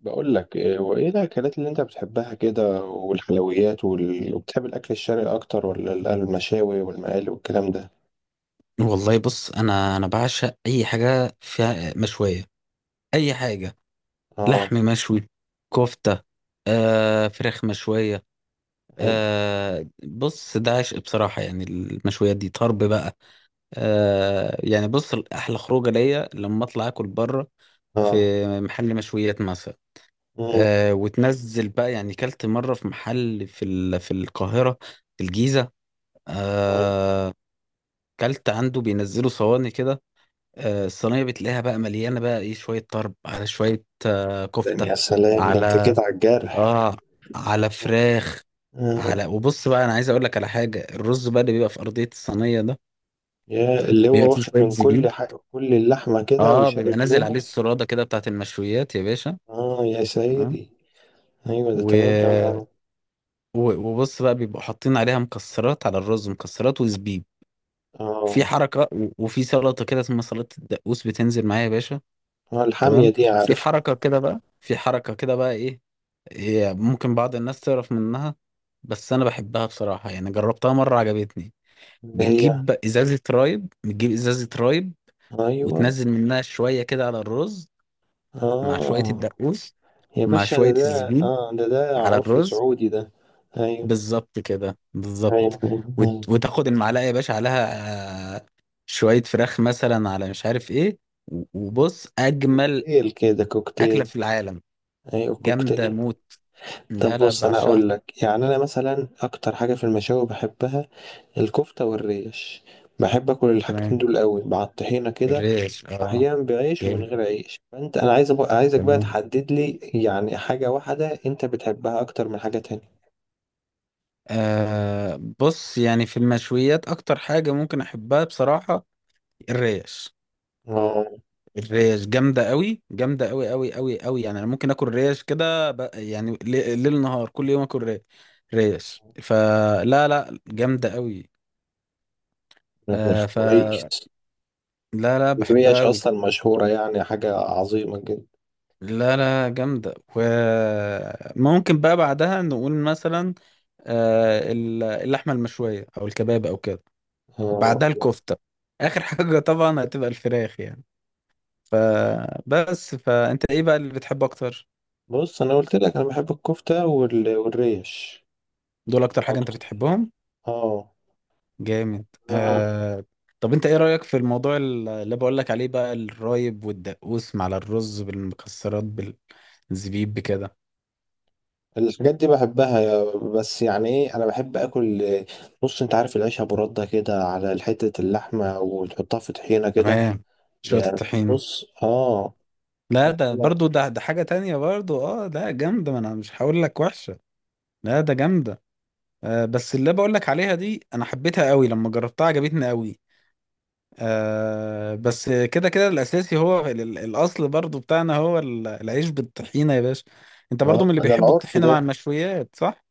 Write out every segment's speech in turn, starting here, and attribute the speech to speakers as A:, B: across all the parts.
A: بقول لك وايه الاكلات اللي انت بتحبها كده والحلويات وبتحب الاكل الشرقي اكتر ولا المشاوي والمقالي والكلام ده.
B: والله بص انا بعشق اي حاجه فيها مشويه. اي حاجه.
A: اه.
B: لحم مشوي، كفته، فراخ مشويه.
A: اي.
B: بص ده عشق بصراحه، يعني المشويات دي طرب بقى. يعني بص احلى خروجه ليا لما اطلع اكل بره في
A: اه.
B: محل مشويات مثلا.
A: امم.
B: آه، وتنزل بقى، يعني كلت مره في محل في القاهره، في الجيزه.
A: أي.
B: آه كلت عنده، بينزلوا صواني كده. الصينية بتلاقيها بقى مليانة بقى ايه، شوية طرب على شوية كفتة.
A: يا سلام، ده انت
B: على.
A: كده على الجرح.
B: اه. على فراخ.
A: آه.
B: على. وبص بقى انا عايز اقول لك على حاجة، الرز بقى اللي بيبقى في ارضية الصينية ده،
A: يا اللي هو
B: بيبقى فيه
A: واخد
B: شوية
A: من
B: زبيب.
A: كل حق كل اللحمه كده
B: اه
A: وشارب
B: بيبقى نازل عليه
A: منها.
B: السرادة كده بتاعت المشويات يا باشا.
A: اه، يا
B: تمام.
A: سيدي. ايوه، ده تمام، تمام
B: و...
A: عارف.
B: وبص بقى بيبقوا حاطين عليها مكسرات على الرز، مكسرات وزبيب، في
A: اه،
B: حركة. وفي سلطة كده اسمها سلطة الدقوس، بتنزل معايا يا باشا.
A: اه، الحاميه
B: تمام.
A: دي
B: في
A: عارف.
B: حركة كده بقى، في حركة كده بقى ايه، هي ممكن بعض الناس تعرف منها، بس انا بحبها بصراحة، يعني جربتها مرة عجبتني.
A: اللي هي.
B: بتجيب ازازة رايب، بتجيب ازازة رايب،
A: ايوه.
B: وتنزل منها شوية كده على الرز، مع شوية
A: اه،
B: الدقوس،
A: يا
B: مع
A: باشا، ده
B: شوية
A: ده
B: الزبيب،
A: اه ده ده
B: على
A: عرف
B: الرز،
A: سعودي ده. ايوه،
B: بالظبط كده،
A: ايوه،
B: بالظبط.
A: ايوه، ايوه،
B: وتاخد المعلقة يا باشا عليها، شوية فراخ مثلا، على مش عارف ايه. وبص اجمل
A: كوكتيل كده،
B: اكلة
A: كوكتيل.
B: في العالم،
A: ايوه،
B: جامدة
A: كوكتيل.
B: موت.
A: طب،
B: لا لا،
A: بص، انا اقول
B: بعشقها.
A: لك يعني انا مثلا اكتر حاجه في المشاوي بحبها الكفته والريش. بحب اكل الحاجتين
B: تمام.
A: دول قوي مع الطحينه كده.
B: الريش، اه،
A: واحيانا بعيش ومن
B: جامد.
A: غير عيش، فانت، انا أبقى عايزك بقى
B: تمام.
A: تحدد لي، يعني حاجه واحده انت بتحبها اكتر من حاجه تانية؟
B: آه بص، يعني في المشويات اكتر حاجة ممكن احبها بصراحة الريش.
A: اه،
B: الريش جامدة قوي، جامدة قوي قوي قوي قوي. يعني انا ممكن اكل ريش كده، يعني ليل نهار كل يوم اكل ريش. ريش، فلا لا جامدة قوي.
A: مش كويس.
B: فلا. لا لا، بحبها
A: الريش
B: قوي.
A: اصلا مشهوره، يعني حاجه عظيمه جدا.
B: لا لا، جامدة. وممكن بقى بعدها نقول مثلا اللحمة المشوية او الكباب او كده،
A: اه،
B: بعدها الكفتة، آخر حاجة طبعا هتبقى الفراخ يعني. فبس، فأنت إيه بقى اللي بتحبه أكتر؟
A: بص، انا قلت لك انا بحب الكفته والريش
B: دول أكتر حاجة أنت
A: اكتر.
B: بتحبهم؟
A: اه.
B: جامد
A: آه.
B: طب أنت إيه رأيك في الموضوع اللي بقول لك عليه بقى، الرايب والدقوس مع الرز بالمكسرات بالزبيب بكده؟
A: الحاجات دي بحبها، بس يعني ايه، انا بحب اكل. بص، انت عارف العيش ابو رده كده على حته اللحمه، وتحطها في طحينه كده.
B: تمام. شوية
A: يعني،
B: الطحين.
A: بص، اه،
B: لا
A: حاجة
B: ده
A: كده.
B: برضو، ده حاجة تانية برضو، اه ده جامدة، ما انا مش هقول لك وحشة. لا ده جامدة. آه بس اللي بقول لك عليها دي انا حبيتها قوي، لما جربتها عجبتني قوي. آه بس كده كده الاساسي هو الاصل برضو بتاعنا هو العيش بالطحينه يا باشا. انت برضو من اللي
A: اه، ده
B: بيحبوا
A: العرف
B: الطحينه
A: ده.
B: مع المشويات صح؟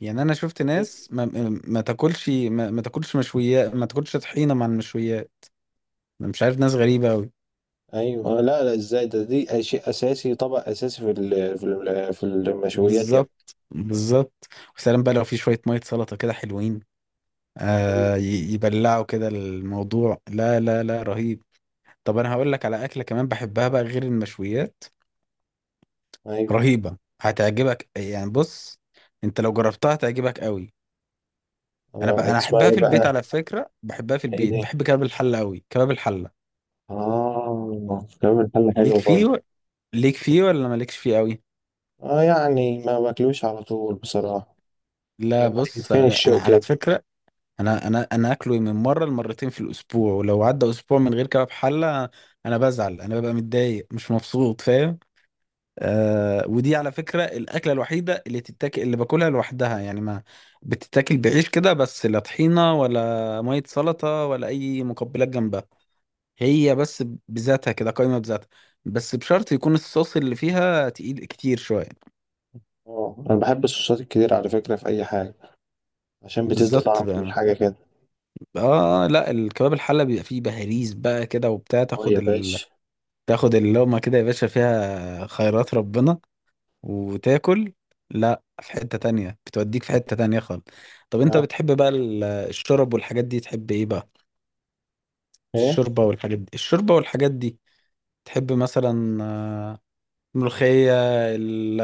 B: يعني انا شفت
A: أي-
B: ناس ما تاكلش ما تاكلش مشويات، ما تاكلش طحينه مع المشويات. انا مش عارف، ناس غريبه قوي.
A: ايوه، آه، لا، لا، ازاي ده، دي شيء اساسي، طبق اساسي في في المشويات يعني.
B: بالظبط بالظبط. وسلام بقى لو في شويه ميه سلطه كده حلوين،
A: ايوه،
B: آه يبلعوا كده الموضوع. لا لا لا، رهيب. طب انا هقول لك على اكله كمان بحبها بقى غير المشويات،
A: ايوه.
B: رهيبة هتعجبك. يعني بص، انت لو جربتها هتعجبك قوي. انا
A: آه،
B: بقى، انا
A: اسمها
B: احبها
A: ايه
B: في البيت
A: بقى؟
B: على فكرة، بحبها في
A: ايه
B: البيت،
A: دي؟
B: بحب كباب الحلة قوي، كباب الحلة
A: اه، كمان،
B: ليك
A: حلو
B: فيه
A: برضه.
B: ليك فيه ولا مالكش فيه قوي؟
A: اه، يعني ما باكلوش على طول بصراحة.
B: لا
A: لما
B: بص،
A: يتفين
B: انا
A: الشوق
B: على
A: كده.
B: فكرة انا اكله من مرة لمرتين في الاسبوع، ولو عدى اسبوع من غير كباب حلة انا بزعل، انا ببقى متضايق مش مبسوط فاهم. آه ودي على فكرة الأكلة الوحيدة اللي تتاكل، اللي باكلها لوحدها، يعني ما بتتاكل بعيش كده بس، لا طحينة ولا مية سلطة ولا أي مقبلات جنبها. هي بس بذاتها كده، قايمة بذاتها، بس بشرط يكون الصوص اللي فيها تقيل كتير شوية.
A: اه، انا بحب الصوصات الكتير على فكرة، في اي حاجة. عشان بتدي
B: بالظبط
A: طعم
B: بقى.
A: للحاجة كده.
B: اه لا الكباب الحلة بيبقى فيه بهاريز بقى كده وبتاع،
A: اه، يا باشا.
B: تاخد اللقمة كده يا باشا، فيها خيرات ربنا، وتاكل، لا في حتة تانية، بتوديك في حتة تانية خالص. طب انت
A: يا-
B: بتحب بقى الشرب والحاجات دي، تحب ايه بقى؟
A: ايه،
B: الشوربة والحاجات دي، الشوربة والحاجات دي، تحب مثلا ملوخية، ال-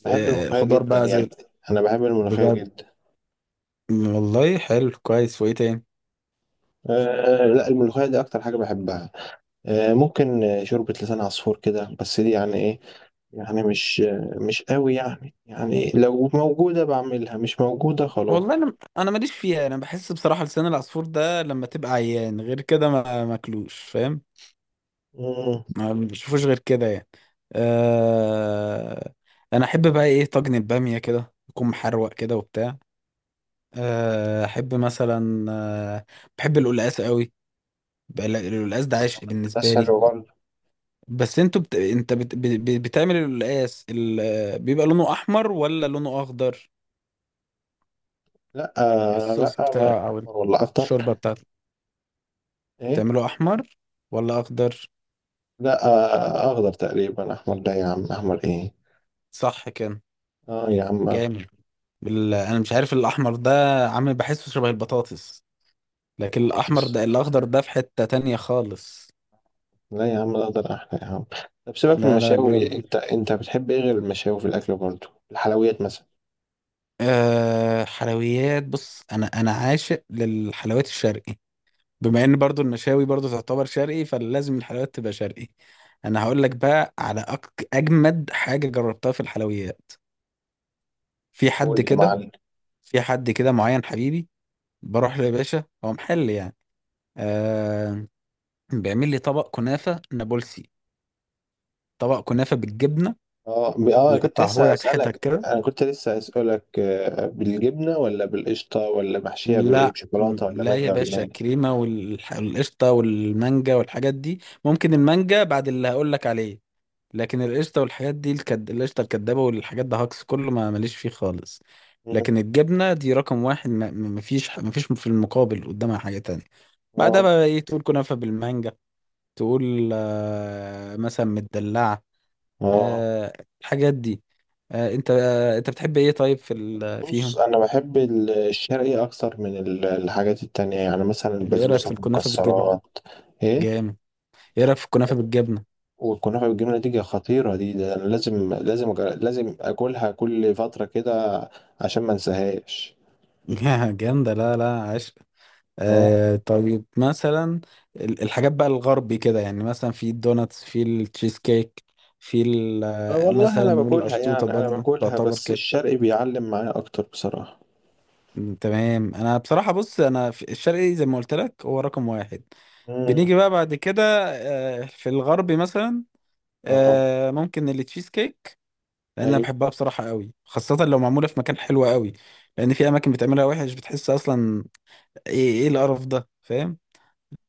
A: بحب الملوخية
B: خضار
A: جدا
B: بقى
A: يا
B: زي،
A: ابني. انا بحب الملوخية
B: بجد؟
A: جدا.
B: والله حلو، كويس. وايه تاني؟
A: آه. آه، لا، الملوخية دي اكتر حاجة بحبها. آه، ممكن، شوربة لسان عصفور كده، بس دي يعني ايه. يعني مش، مش قوي، يعني لو موجودة بعملها، مش موجودة خلاص.
B: والله انا ماليش فيها، انا بحس بصراحة لسان العصفور ده لما تبقى عيان غير كده ما ماكلوش فاهم،
A: مم.
B: ما بشوفوش غير كده يعني. أه انا احب بقى ايه، طاجن الباميه كده يكون محروق كده وبتاع. احب مثلا، بحب القلقاس قوي بقى. القلقاس ده عشق بالنسبه
A: بس
B: لي.
A: حلو برضه.
B: بس انت بتعمل القلقاس، بيبقى لونه احمر ولا لونه اخضر؟
A: لا، لا،
B: الصوص بتاع، او
A: والله افطر.
B: الشوربه بتاعته،
A: ايه؟
B: بتعمله احمر ولا اخضر؟
A: لا، اخضر تقريبا، احمر لا يا عم، احمر ايه.
B: صح كده.
A: اه يا عم، أخضر.
B: جامد. انا مش عارف، الاحمر ده عامل بحسه شبه البطاطس، لكن الأحمر
A: بطاطس.
B: ده، الأخضر ده في حتة تانية خالص.
A: لا يا عم، الاخضر احلى يا عم. طب، سيبك من
B: لا لا،
A: المشاوي،
B: جامد.
A: انت بتحب ايه غير المشاوي في الاكل برضه؟ الحلويات مثلا؟
B: أه حلويات بص، أنا عاشق للحلويات الشرقي، بما إن برضو المشاوي برضو تعتبر شرقي، فلازم الحلويات تبقى شرقي. أنا هقول لك بقى على أجمد حاجة جربتها في الحلويات. في
A: قول
B: حد
A: لي يا
B: كده،
A: معلم.
B: في حد كده معين حبيبي، بروح له يا باشا، هو محل يعني، أه بيعمل لي طبق كنافة نابلسي، طبق كنافة بالجبنة،
A: اه،
B: ويقطعه لك حتت كده.
A: كنت لسه هسألك، بالجبنة ولا بالقشطة ولا محشية بايه، بشوكولاتة ولا
B: لا يا
A: مانجا ولا
B: باشا،
A: ايه؟
B: الكريمة والقشطة والمانجا والحاجات دي، ممكن المانجا بعد اللي هقول لك عليه، لكن القشطة والحاجات دي، القشطة الكدابة والحاجات ده هاكس كله، ما ماليش فيه خالص.
A: مم.
B: لكن الجبنة دي رقم واحد، مفيش في المقابل قدامها حاجة تانية. بعدها
A: اه.
B: بقى ايه، تقول كنافة بالمانجا، تقول مثلا مدلعة،
A: اه.
B: آه، الحاجات دي. انت انت بتحب ايه طيب في ال...
A: بص،
B: فيهم؟
A: انا بحب الشرقي اكتر من الحاجات التانية، يعني مثلا
B: طب ايه رأيك
A: البسبوسة
B: في الكنافة بالجبنة؟
A: بالمكسرات. ايه؟
B: جامد. ايه رايك في الكنافه بالجبنه؟
A: والكنافة بالجبنة دي خطيرة، دي ده أنا لازم لازم أكلها كل فترة كده. عشان ما انساهاش.
B: جامده. لا لا، عشق.
A: اه،
B: آه طيب مثلا الحاجات بقى الغربي كده، يعني مثلا في الدوناتس، في التشيز كيك، في
A: والله
B: مثلا
A: أنا
B: نقول
A: باكلها،
B: القشطوطه
A: يعني أنا
B: برضه
A: باكلها،
B: تعتبر
A: بس
B: كده.
A: الشرق بيعلم معايا أكتر بصراحة.
B: تمام. انا بصراحه بص، انا في الشرقي زي ما قلت لك هو رقم واحد.
A: مم.
B: بنيجي بقى بعد كده، آه في الغربي مثلا،
A: اه،
B: ممكن التشيز كيك، لان انا
A: أيوه.
B: بحبها بصراحه قوي، خاصه لو معموله في مكان حلو قوي. لان في اماكن بتعملها وحش، بتحس اصلا ايه، ايه القرف ده فاهم.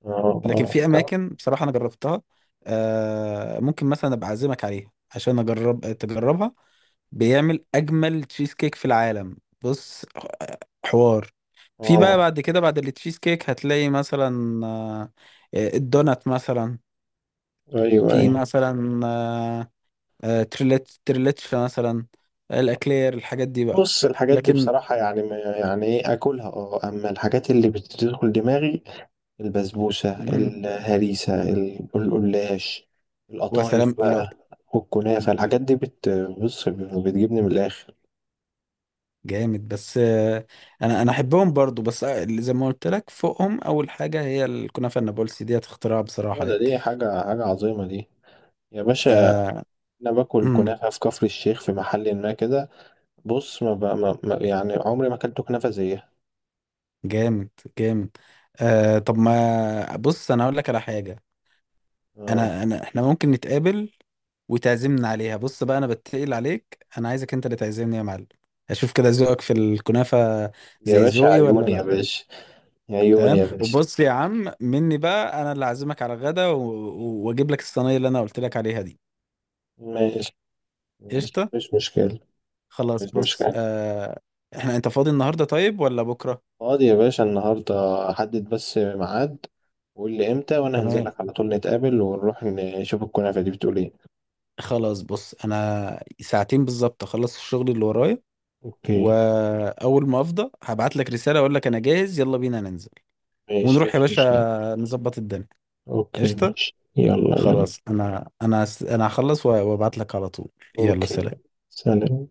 A: اه،
B: لكن في
A: اه،
B: اماكن بصراحه انا جربتها، ممكن مثلا ابقى اعزمك عليها عشان اجرب تجربها، بيعمل اجمل تشيز كيك في العالم. بص، آه، حوار. في بقى
A: اه،
B: بعد كده بعد التشيز كيك هتلاقي مثلا الدونات مثلا،
A: أيوه،
B: في
A: أيوه.
B: مثلا تريليتش مثلا، الاكلير، الحاجات دي بقى،
A: بص، الحاجات دي
B: لكن
A: بصراحة يعني يعني إيه، أكلها، أما الحاجات اللي بتدخل دماغي. البسبوسة،
B: مم،
A: الهريسة، القلاش.
B: وسلام
A: القطايف
B: لو،
A: بقى. والكنافة، الحاجات دي، بص، بتجيبني من الآخر.
B: جامد. بس انا احبهم برضو، بس اللي زي ما قلت لك فوقهم اول حاجه هي الكنافه النابلسي ديت، اختراع
A: هو
B: بصراحه
A: ده،
B: يعني.
A: دي حاجة، حاجة عظيمة دي. يا باشا.
B: آه
A: أنا باكل
B: امم
A: كنافة في كفر الشيخ، في محل ما كده. بص، ما, ب... ما... ما يعني عمري ما أكلت كنافة زيها.
B: جامد جامد. طب ما بص انا اقول لك على حاجه،
A: آه.
B: انا انا احنا ممكن نتقابل وتعزمنا عليها. بص بقى انا بتقل عليك، انا عايزك انت اللي تعزمني يا معلم، اشوف كده ذوقك في الكنافه
A: يا
B: زي
A: باشا،
B: ذوقي ولا
A: عيوني يا
B: لا.
A: باشا. عيوني
B: تمام.
A: يا باشا.
B: وبص يا عم مني بقى انا اللي اعزمك على غدا، واجيب لك الصينيه اللي انا قلت لك عليها دي.
A: ماشي، ماشي،
B: قشطه.
A: مش مشكلة.
B: خلاص
A: مش
B: بص
A: مشكلة.
B: آه، احنا انت فاضي النهارده طيب ولا بكره؟
A: فاضي يا باشا النهاردة. حدد بس ميعاد. وقول لي امتى وانا هنزل
B: تمام.
A: لك على طول، نتقابل ونروح نشوف الكنافة دي بتقول ايه.
B: خلاص بص، انا ساعتين بالظبط اخلص الشغل اللي ورايا،
A: اوكي،
B: واول ما افضى هبعت لك رساله، اقول لك انا جاهز، يلا بينا ننزل
A: ماشي،
B: ونروح يا
A: مش
B: باشا
A: مشكلة.
B: نظبط الدنيا.
A: اوكي،
B: قشطه.
A: ماشي، يلا يلا.
B: خلاص، انا هخلص وابعت لك على طول. يلا
A: اوكي.
B: سلام.
A: سلام.